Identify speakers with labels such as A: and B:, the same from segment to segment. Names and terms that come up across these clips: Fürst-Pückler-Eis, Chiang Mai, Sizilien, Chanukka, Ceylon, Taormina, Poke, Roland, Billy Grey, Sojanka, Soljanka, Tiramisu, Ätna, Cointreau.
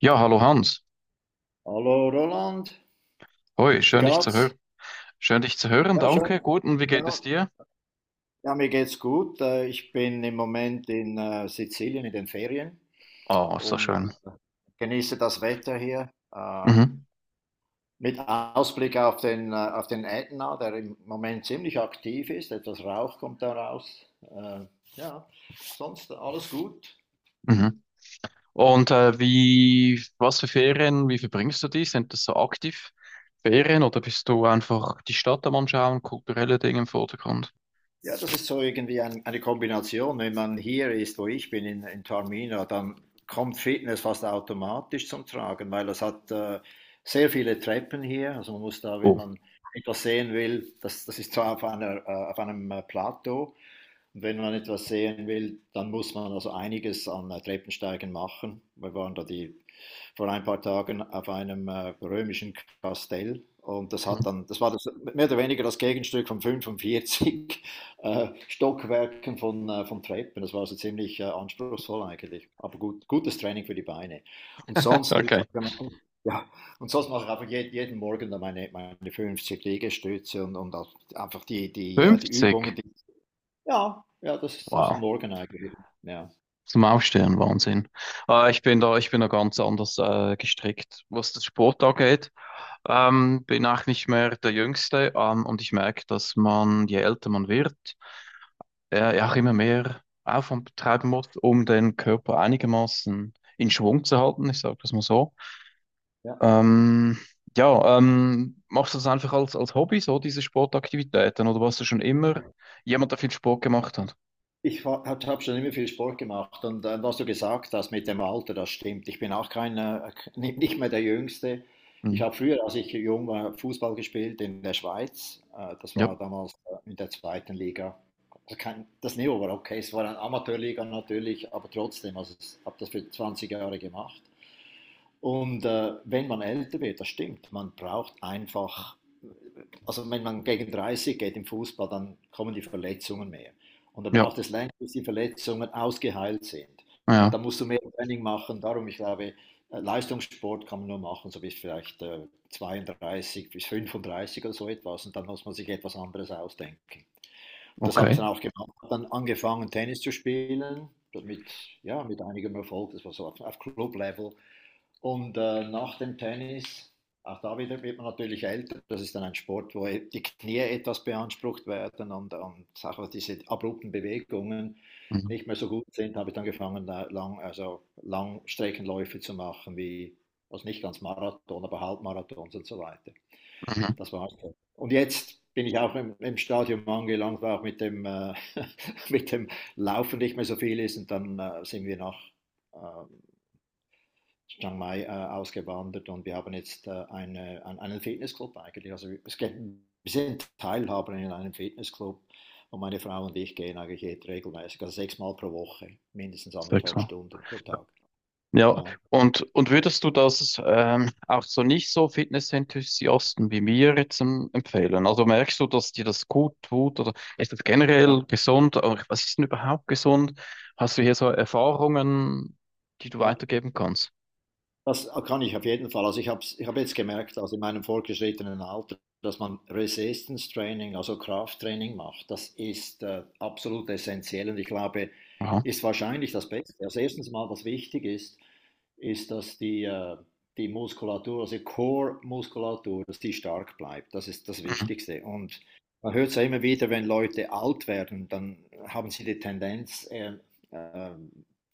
A: Ja, hallo Hans.
B: Hallo Roland,
A: Hoi,
B: wie
A: schön dich zu hören.
B: geht's?
A: Schön dich zu hören,
B: Ja,
A: danke.
B: schön.
A: Gut, und wie geht
B: Ja,
A: es dir?
B: ja, mir geht's gut. Ich bin im Moment in Sizilien in den Ferien
A: Oh, so
B: und
A: schön.
B: genieße das Wetter hier
A: Mhm.
B: mit Ausblick auf den Ätna, der im Moment ziemlich aktiv ist. Etwas Rauch kommt da raus. Äh, Ja, sonst alles gut.
A: Mhm. Und wie, was für Ferien, wie verbringst du die? Sind das so aktiv Ferien oder bist du einfach die Stadt am Anschauen, kulturelle Dinge im Vordergrund?
B: Ja, das ist so irgendwie eine Kombination. Wenn man hier ist, wo ich bin, in Taormina, dann kommt Fitness fast automatisch zum Tragen, weil es hat sehr viele Treppen hier. Also man muss da, wenn
A: Oh,
B: man etwas sehen will, das ist zwar auf einem Plateau, und wenn man etwas sehen will, dann muss man also einiges an Treppensteigen machen. Wir waren vor ein paar Tagen auf einem römischen Kastell, und
A: mhm.
B: das war das mehr oder weniger das Gegenstück vom 45 Stockwerken von Treppen. Das war also ziemlich anspruchsvoll eigentlich. Aber gut, gutes Training für die Beine. Und sonst würde ich
A: Okay.
B: sagen, ja, und sonst mache ich einfach jeden Morgen dann meine 50 Liegestütze und auch einfach die Übungen.
A: 50.
B: Ja, ja, das ist am
A: Wow.
B: Morgen eigentlich. Ja,
A: Zum Aufstehen, Wahnsinn. Ich bin da ganz anders gestrickt, was das Sport angeht. Bin auch nicht mehr der Jüngste, und ich merke, dass man, je älter man wird, ja, auch immer mehr Aufwand betreiben muss, um den Körper einigermaßen in Schwung zu halten. Ich sage das mal so.
B: ja.
A: Ähm, ja, Machst du das einfach als, als Hobby, so diese Sportaktivitäten, oder warst du schon immer jemand, der viel Sport gemacht hat?
B: Ich habe schon immer viel Sport gemacht, und was du gesagt hast mit dem Alter, das stimmt. Ich bin auch kein, nicht mehr der Jüngste. Ich
A: Hm.
B: habe früher, als ich jung war, Fußball gespielt in der Schweiz. Das
A: Ja,
B: war damals in der zweiten Liga. Also kein, das Niveau war okay, es war eine Amateurliga natürlich, aber trotzdem, also ich habe das für 20 Jahre gemacht. Und wenn man älter wird, das stimmt, man braucht einfach, also wenn man gegen 30 geht im Fußball, dann kommen die Verletzungen mehr. Und da
A: ja,
B: braucht es länger, bis die Verletzungen ausgeheilt sind. Und
A: ja,
B: da musst du mehr Training machen. Darum, ich glaube, Leistungssport kann man nur machen, so bis vielleicht 32 bis 35 oder so etwas. Und dann muss man sich etwas anderes ausdenken. Und das habe ich
A: okay.
B: dann auch gemacht. Dann angefangen, Tennis zu spielen, mit, ja, mit einigem Erfolg. Das war so auf Club-Level. Und nach dem Tennis, auch da wieder wird man natürlich älter. Das ist dann ein Sport, wo die Knie etwas beansprucht werden und auch diese abrupten Bewegungen
A: Mhm.
B: nicht mehr so gut sind. Habe ich dann angefangen, also Langstreckenläufe zu machen, wie, also nicht ganz Marathon, aber Halbmarathons und so weiter.
A: Mhm.
B: Das war's dann. Und jetzt bin ich auch im, im Stadium angelangt, wo auch mit dem Laufen nicht mehr so viel ist, und dann sind wir äh, Chiang Mai ausgewandert, und wir haben jetzt einen Fitnessclub eigentlich. Also wir sind Teilhaber in einem Fitnessclub, und meine Frau und ich gehen eigentlich jetzt regelmäßig, also sechsmal pro Woche, mindestens anderthalb
A: Sechsmal.
B: Stunden pro Tag.
A: Ja,
B: Ja,
A: und würdest du das auch so nicht so Fitness-Enthusiasten wie mir jetzt empfehlen? Also merkst du, dass dir das gut tut oder ist das
B: ja,
A: generell gesund? Oder was ist denn überhaupt gesund? Hast du hier so Erfahrungen, die du
B: ja.
A: weitergeben kannst?
B: Das kann ich auf jeden Fall. Also ich hab jetzt gemerkt, also in meinem fortgeschrittenen Alter, dass man Resistance Training, also Krafttraining macht. Das ist absolut essentiell, und ich glaube,
A: Aha.
B: ist wahrscheinlich das Beste. Also erstens mal, was wichtig ist, ist, dass die Muskulatur, also die Core-Muskulatur, dass die stark bleibt. Das ist das
A: Mhm.
B: Wichtigste. Und man hört es ja immer wieder, wenn Leute alt werden, dann haben sie die Tendenz, äh,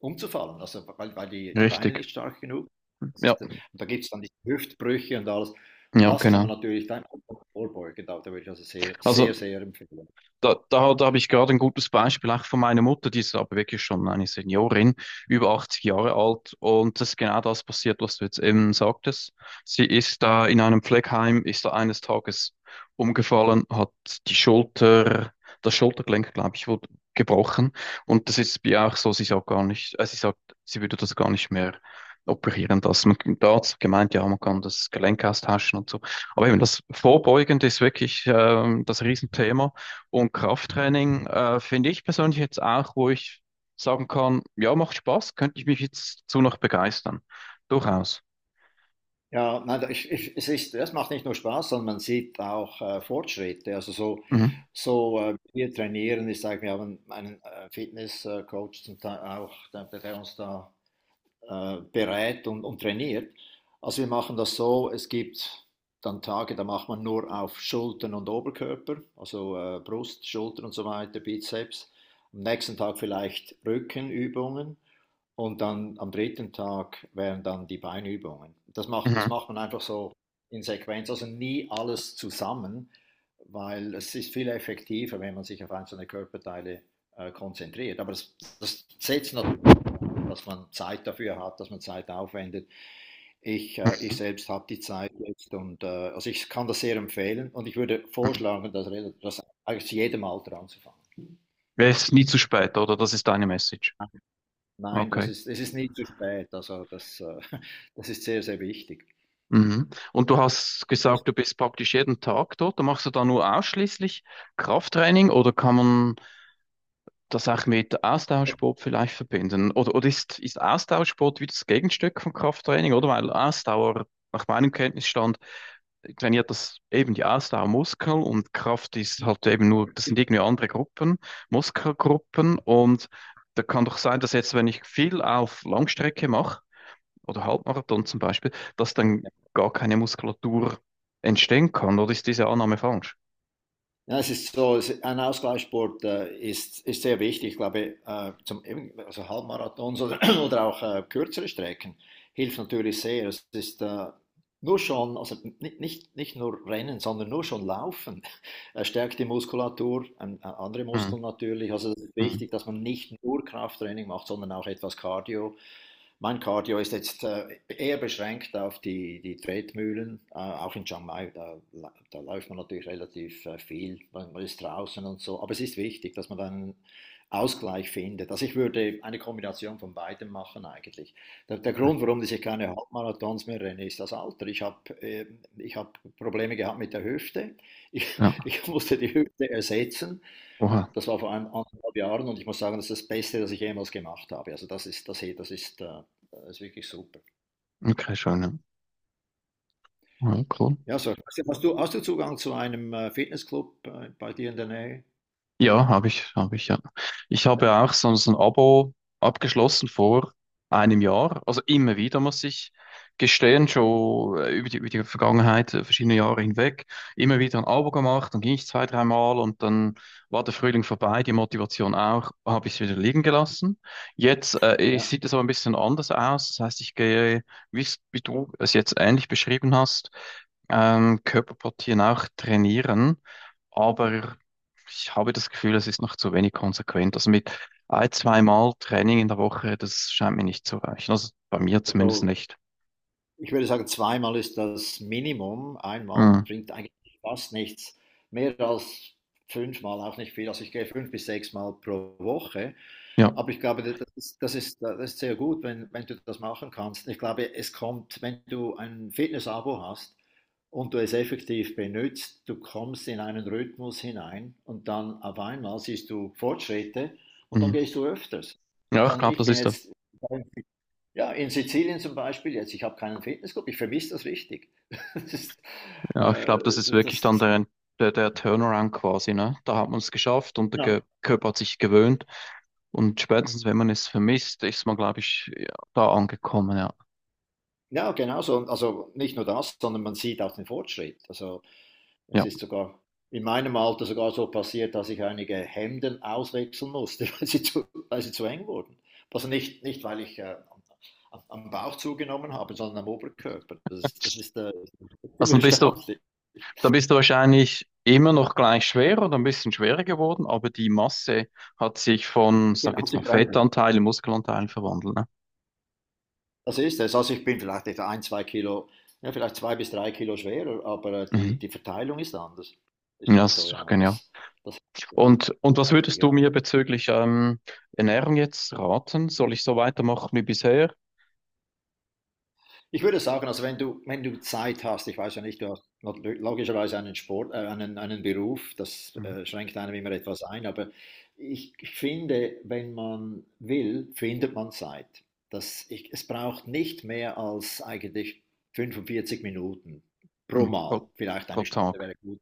B: umzufallen, also weil die Beine
A: Richtig.
B: nicht stark genug sind. das
A: Ja,
B: ist der, und da gibt es dann diese Hüftbrüche und alles. Und
A: ja,
B: das kann man
A: genau.
B: natürlich dann vorbeugen. Da würde ich also sehr, sehr,
A: Also
B: sehr empfehlen.
A: Da habe ich gerade ein gutes Beispiel auch von meiner Mutter, die ist aber wirklich schon eine Seniorin, über 80 Jahre alt. Und das ist genau das passiert, was du jetzt eben sagtest. Sie ist da in einem Pflegeheim, ist da eines Tages umgefallen, hat die Schulter, das Schultergelenk, glaube ich, wurde gebrochen. Und das ist bei ihr auch so, sie sagt gar nicht, sie sagt, sie würde das gar nicht mehr operieren lassen. Man, der Arzt hat gemeint, ja, man kann das Gelenk austauschen und so. Aber eben das Vorbeugende ist wirklich das Riesenthema. Und Krafttraining finde ich persönlich jetzt auch, wo ich sagen kann, ja, macht Spaß, könnte ich mich jetzt zu noch begeistern. Durchaus.
B: Ja, nein, es ist, das macht nicht nur Spaß, sondern man sieht auch Fortschritte. Also
A: Mhm.
B: wir trainieren, ich sage, wir haben einen Fitnesscoach zum Teil auch, der uns da berät und trainiert. Also wir machen das so, es gibt dann Tage, da macht man nur auf Schultern und Oberkörper, also Brust, Schultern und so weiter, Bizeps. Am nächsten Tag vielleicht Rückenübungen. Und dann am dritten Tag wären dann die Beinübungen. Das
A: Mhm.
B: macht man einfach so in Sequenz, also nie alles zusammen, weil es ist viel effektiver, wenn man sich auf einzelne Körperteile konzentriert. Aber das, das setzt natürlich an, dass man Zeit dafür hat, dass man Zeit aufwendet. Ich selbst habe die Zeit jetzt, und also ich kann das sehr empfehlen, und ich würde
A: Mhm.
B: vorschlagen, dass das eigentlich zu jedem Alter anzufangen.
A: Ja, es ist nie zu spät, oder? Das ist deine Message.
B: Nein, das
A: Okay.
B: ist es ist nie zu spät. Also, das das ist sehr, sehr wichtig.
A: Mhm. Und du hast
B: Also
A: gesagt, du bist praktisch jeden Tag dort. Machst du da nur ausschließlich Krafttraining oder kann man das auch mit Ausdauersport vielleicht verbinden? Oder ist, ist Ausdauersport wieder das Gegenstück von Krafttraining? Oder weil Ausdauer nach meinem Kenntnisstand trainiert das eben die Ausdauermuskeln und Kraft ist
B: mhm.
A: halt eben nur, das sind irgendwie andere Gruppen, Muskelgruppen und da kann doch sein, dass jetzt, wenn ich viel auf Langstrecke mache oder Halbmarathon zum Beispiel, dass dann gar keine Muskulatur entstehen kann oder ist diese Annahme falsch?
B: Ja, es ist so, es ein Ausgleichssport, ist sehr wichtig. Ich glaube, zum eben also Halbmarathons oder oder auch, kürzere Strecken hilft natürlich sehr. Es ist, nur schon also nicht nur Rennen, sondern nur schon Laufen, stärkt die Muskulatur, an a andere
A: Hm.
B: Muskeln natürlich. Also, es ist
A: Hm.
B: wichtig, dass man nicht nur Krafttraining macht, sondern auch etwas Cardio. Mein Cardio ist jetzt eher beschränkt auf die Tretmühlen, auch in Chiang Mai. Da läuft man natürlich relativ viel, ist draußen und so, aber es ist wichtig, dass man dann Ausgleich findet. Also ich würde eine Kombination von beidem machen eigentlich. Der, der
A: Okay.
B: Grund, warum ich keine Halbmarathons mehr renne, ist das Alter. Ich hab Probleme gehabt mit der Hüfte, ich,
A: Ja,
B: ich musste die Hüfte ersetzen.
A: oha,
B: Das war vor einem anderthalb Jahren, und ich muss sagen, das ist das Beste, das ich jemals gemacht habe. Also hey, das ist wirklich super.
A: okay, schon. Ja, ja, cool.
B: Ja, so. hast du, Zugang zu einem Fitnessclub bei dir in der Nähe?
A: Ja, habe ich, ja. Ich habe ja auch so ein Abo abgeschlossen vor 1 Jahr. Also immer wieder, muss ich gestehen, schon über die Vergangenheit, verschiedene Jahre hinweg, immer wieder ein Abo gemacht, dann ging ich zwei, dreimal und dann war der Frühling vorbei, die Motivation auch, habe ich es wieder liegen gelassen. Jetzt
B: Ja,
A: sieht es aber ein bisschen anders aus. Das heißt, ich gehe, wie du es jetzt ähnlich beschrieben hast, Körperpartien auch trainieren. Aber ich habe das Gefühl, es ist noch zu wenig konsequent. Also mit ein, zweimal Training in der Woche, das scheint mir nicht zu reichen. Also bei mir zumindest
B: also
A: nicht.
B: ich würde sagen, zweimal ist das Minimum. Einmal
A: Mhm.
B: bringt eigentlich fast nichts. Mehr als fünfmal auch nicht viel. Also ich gehe fünf bis sechs Mal pro Woche.
A: Ja.
B: Aber ich glaube, das ist sehr gut, wenn, wenn du das machen kannst. Ich glaube, es kommt, wenn du ein Fitness-Abo hast und du es effektiv benutzt, du kommst in einen Rhythmus hinein, und dann auf einmal siehst du Fortschritte, und dann
A: Mhm.
B: gehst du öfters.
A: Ja,
B: Und
A: ich
B: dann,
A: glaube,
B: ich
A: das
B: bin
A: ist der,
B: jetzt ja, in Sizilien zum Beispiel jetzt, ich habe keinen Fitnessclub, ich vermisse das richtig. Das ist,
A: ja, ich
B: äh,
A: glaube, das ist
B: das
A: wirklich dann
B: das
A: der, der Turnaround quasi, ne? Da hat man es geschafft und der
B: ja.
A: Körper hat sich gewöhnt. Und spätestens, wenn man es vermisst, ist man, glaube ich, ja, da angekommen, ja.
B: Ja, genau so. Und also nicht nur das, sondern man sieht auch den Fortschritt. Also, es
A: Ja.
B: ist sogar in meinem Alter sogar so passiert, dass ich einige Hemden auswechseln musste, weil sie zu eng wurden. Also nicht nicht, weil ich, am Bauch zugenommen habe, sondern am Oberkörper. Das ist
A: Also dann
B: ziemlich
A: bist du,
B: erstaunlich.
A: Dann bist du wahrscheinlich immer noch gleich schwer oder ein bisschen schwerer geworden, aber die Masse hat sich von, sag
B: Genau,
A: jetzt mal,
B: sich verändert.
A: Fettanteil in Muskelanteil verwandelt, ne?
B: Das ist es. Also ich bin vielleicht etwa ein, zwei Kilo, ja, vielleicht zwei bis drei Kilo schwerer, aber die,
A: Mhm.
B: die Verteilung ist anders. Ist
A: Ja,
B: schon
A: das
B: so,
A: ist doch
B: ja.
A: genial.
B: Das
A: Und was
B: gewaltig,
A: würdest du
B: ja.
A: mir bezüglich Ernährung jetzt raten? Soll ich so weitermachen wie bisher?
B: Ich würde sagen, also wenn du, wenn du Zeit hast, ich weiß ja nicht, du hast logischerweise einen Beruf, das
A: Mhm.
B: schränkt einem immer etwas ein, aber ich finde, wenn man will, findet man Zeit. Das, ich, es braucht nicht mehr als eigentlich 45 Minuten pro
A: Mhm.
B: Mal.
A: Pro,
B: Vielleicht
A: pro
B: eine Stunde
A: Tag.
B: wäre gut.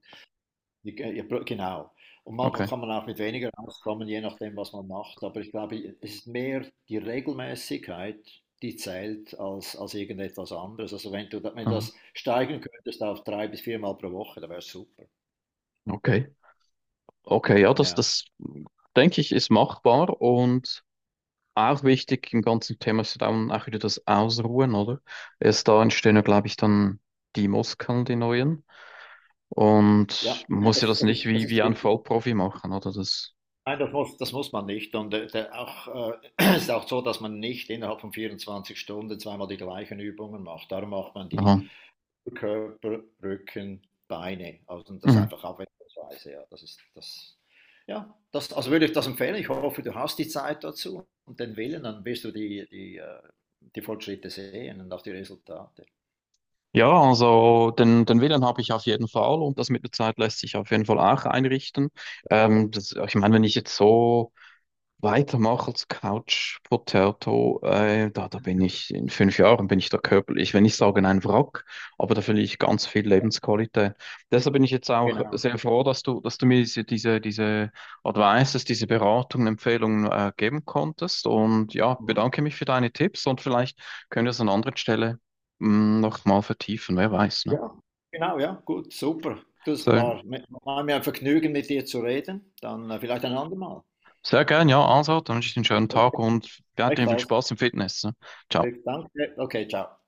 B: Ja, ja, genau. Und manchmal
A: Okay.
B: kann man auch mit weniger auskommen, je nachdem, was man macht. Aber ich glaube, es ist mehr die Regelmäßigkeit, die zählt, als, als irgendetwas anderes. Also wenn du, wenn du
A: Ah,
B: das steigern könntest auf drei bis viermal pro Woche, dann wäre es super.
A: okay. Okay, ja, das,
B: Ja,
A: das denke ich, ist machbar und auch wichtig im ganzen Thema ist ja dann auch wieder das Ausruhen, oder? Erst da entstehen ja, glaube ich, dann die Muskeln, die neuen. Und
B: ja,
A: man
B: ja,
A: muss ja
B: das,
A: das
B: das
A: nicht
B: ist, das
A: wie, wie
B: ist
A: ein
B: richtig.
A: Vollprofi machen, oder? Das,
B: Nein, das muss man nicht. Und es ist auch so, dass man nicht innerhalb von 24 Stunden zweimal die gleichen Übungen macht. Darum macht man die
A: aha.
B: Körper, Rücken, Beine. Also das ist
A: Mhm.
B: einfach abwechslungsweise. Ja, das ist das. Ja, das, also würde ich das empfehlen. Ich hoffe, du hast die Zeit dazu und den Willen, dann wirst du die Fortschritte sehen und auch die Resultate.
A: Ja, also den, den Willen habe ich auf jeden Fall und das mit der Zeit lässt sich auf jeden Fall auch einrichten. Das, ich meine, wenn ich jetzt so weitermache als Couch Potato, da bin ich in 5 Jahren, bin ich da körperlich, wenn ich sage, ein Wrack, aber da verliere ich ganz viel Lebensqualität. Deshalb bin ich jetzt auch
B: Genau.
A: sehr froh, dass du mir diese Advices, diese Beratungen, Empfehlungen geben konntest. Und ja,
B: Mhm.
A: bedanke mich für deine Tipps und vielleicht können wir es an anderen Stelle noch mal vertiefen, wer weiß, ne?
B: Ja, genau, ja, gut, super.
A: So,
B: War mir ein Vergnügen, mit dir zu reden. Dann vielleicht ein andermal.
A: sehr gern, ja, also, dann wünsche ich dir einen schönen Tag
B: Okay,
A: und ja, dir viel
B: gleichfalls.
A: Spaß im Fitness. Ne? Ciao.
B: Danke. Okay, ciao.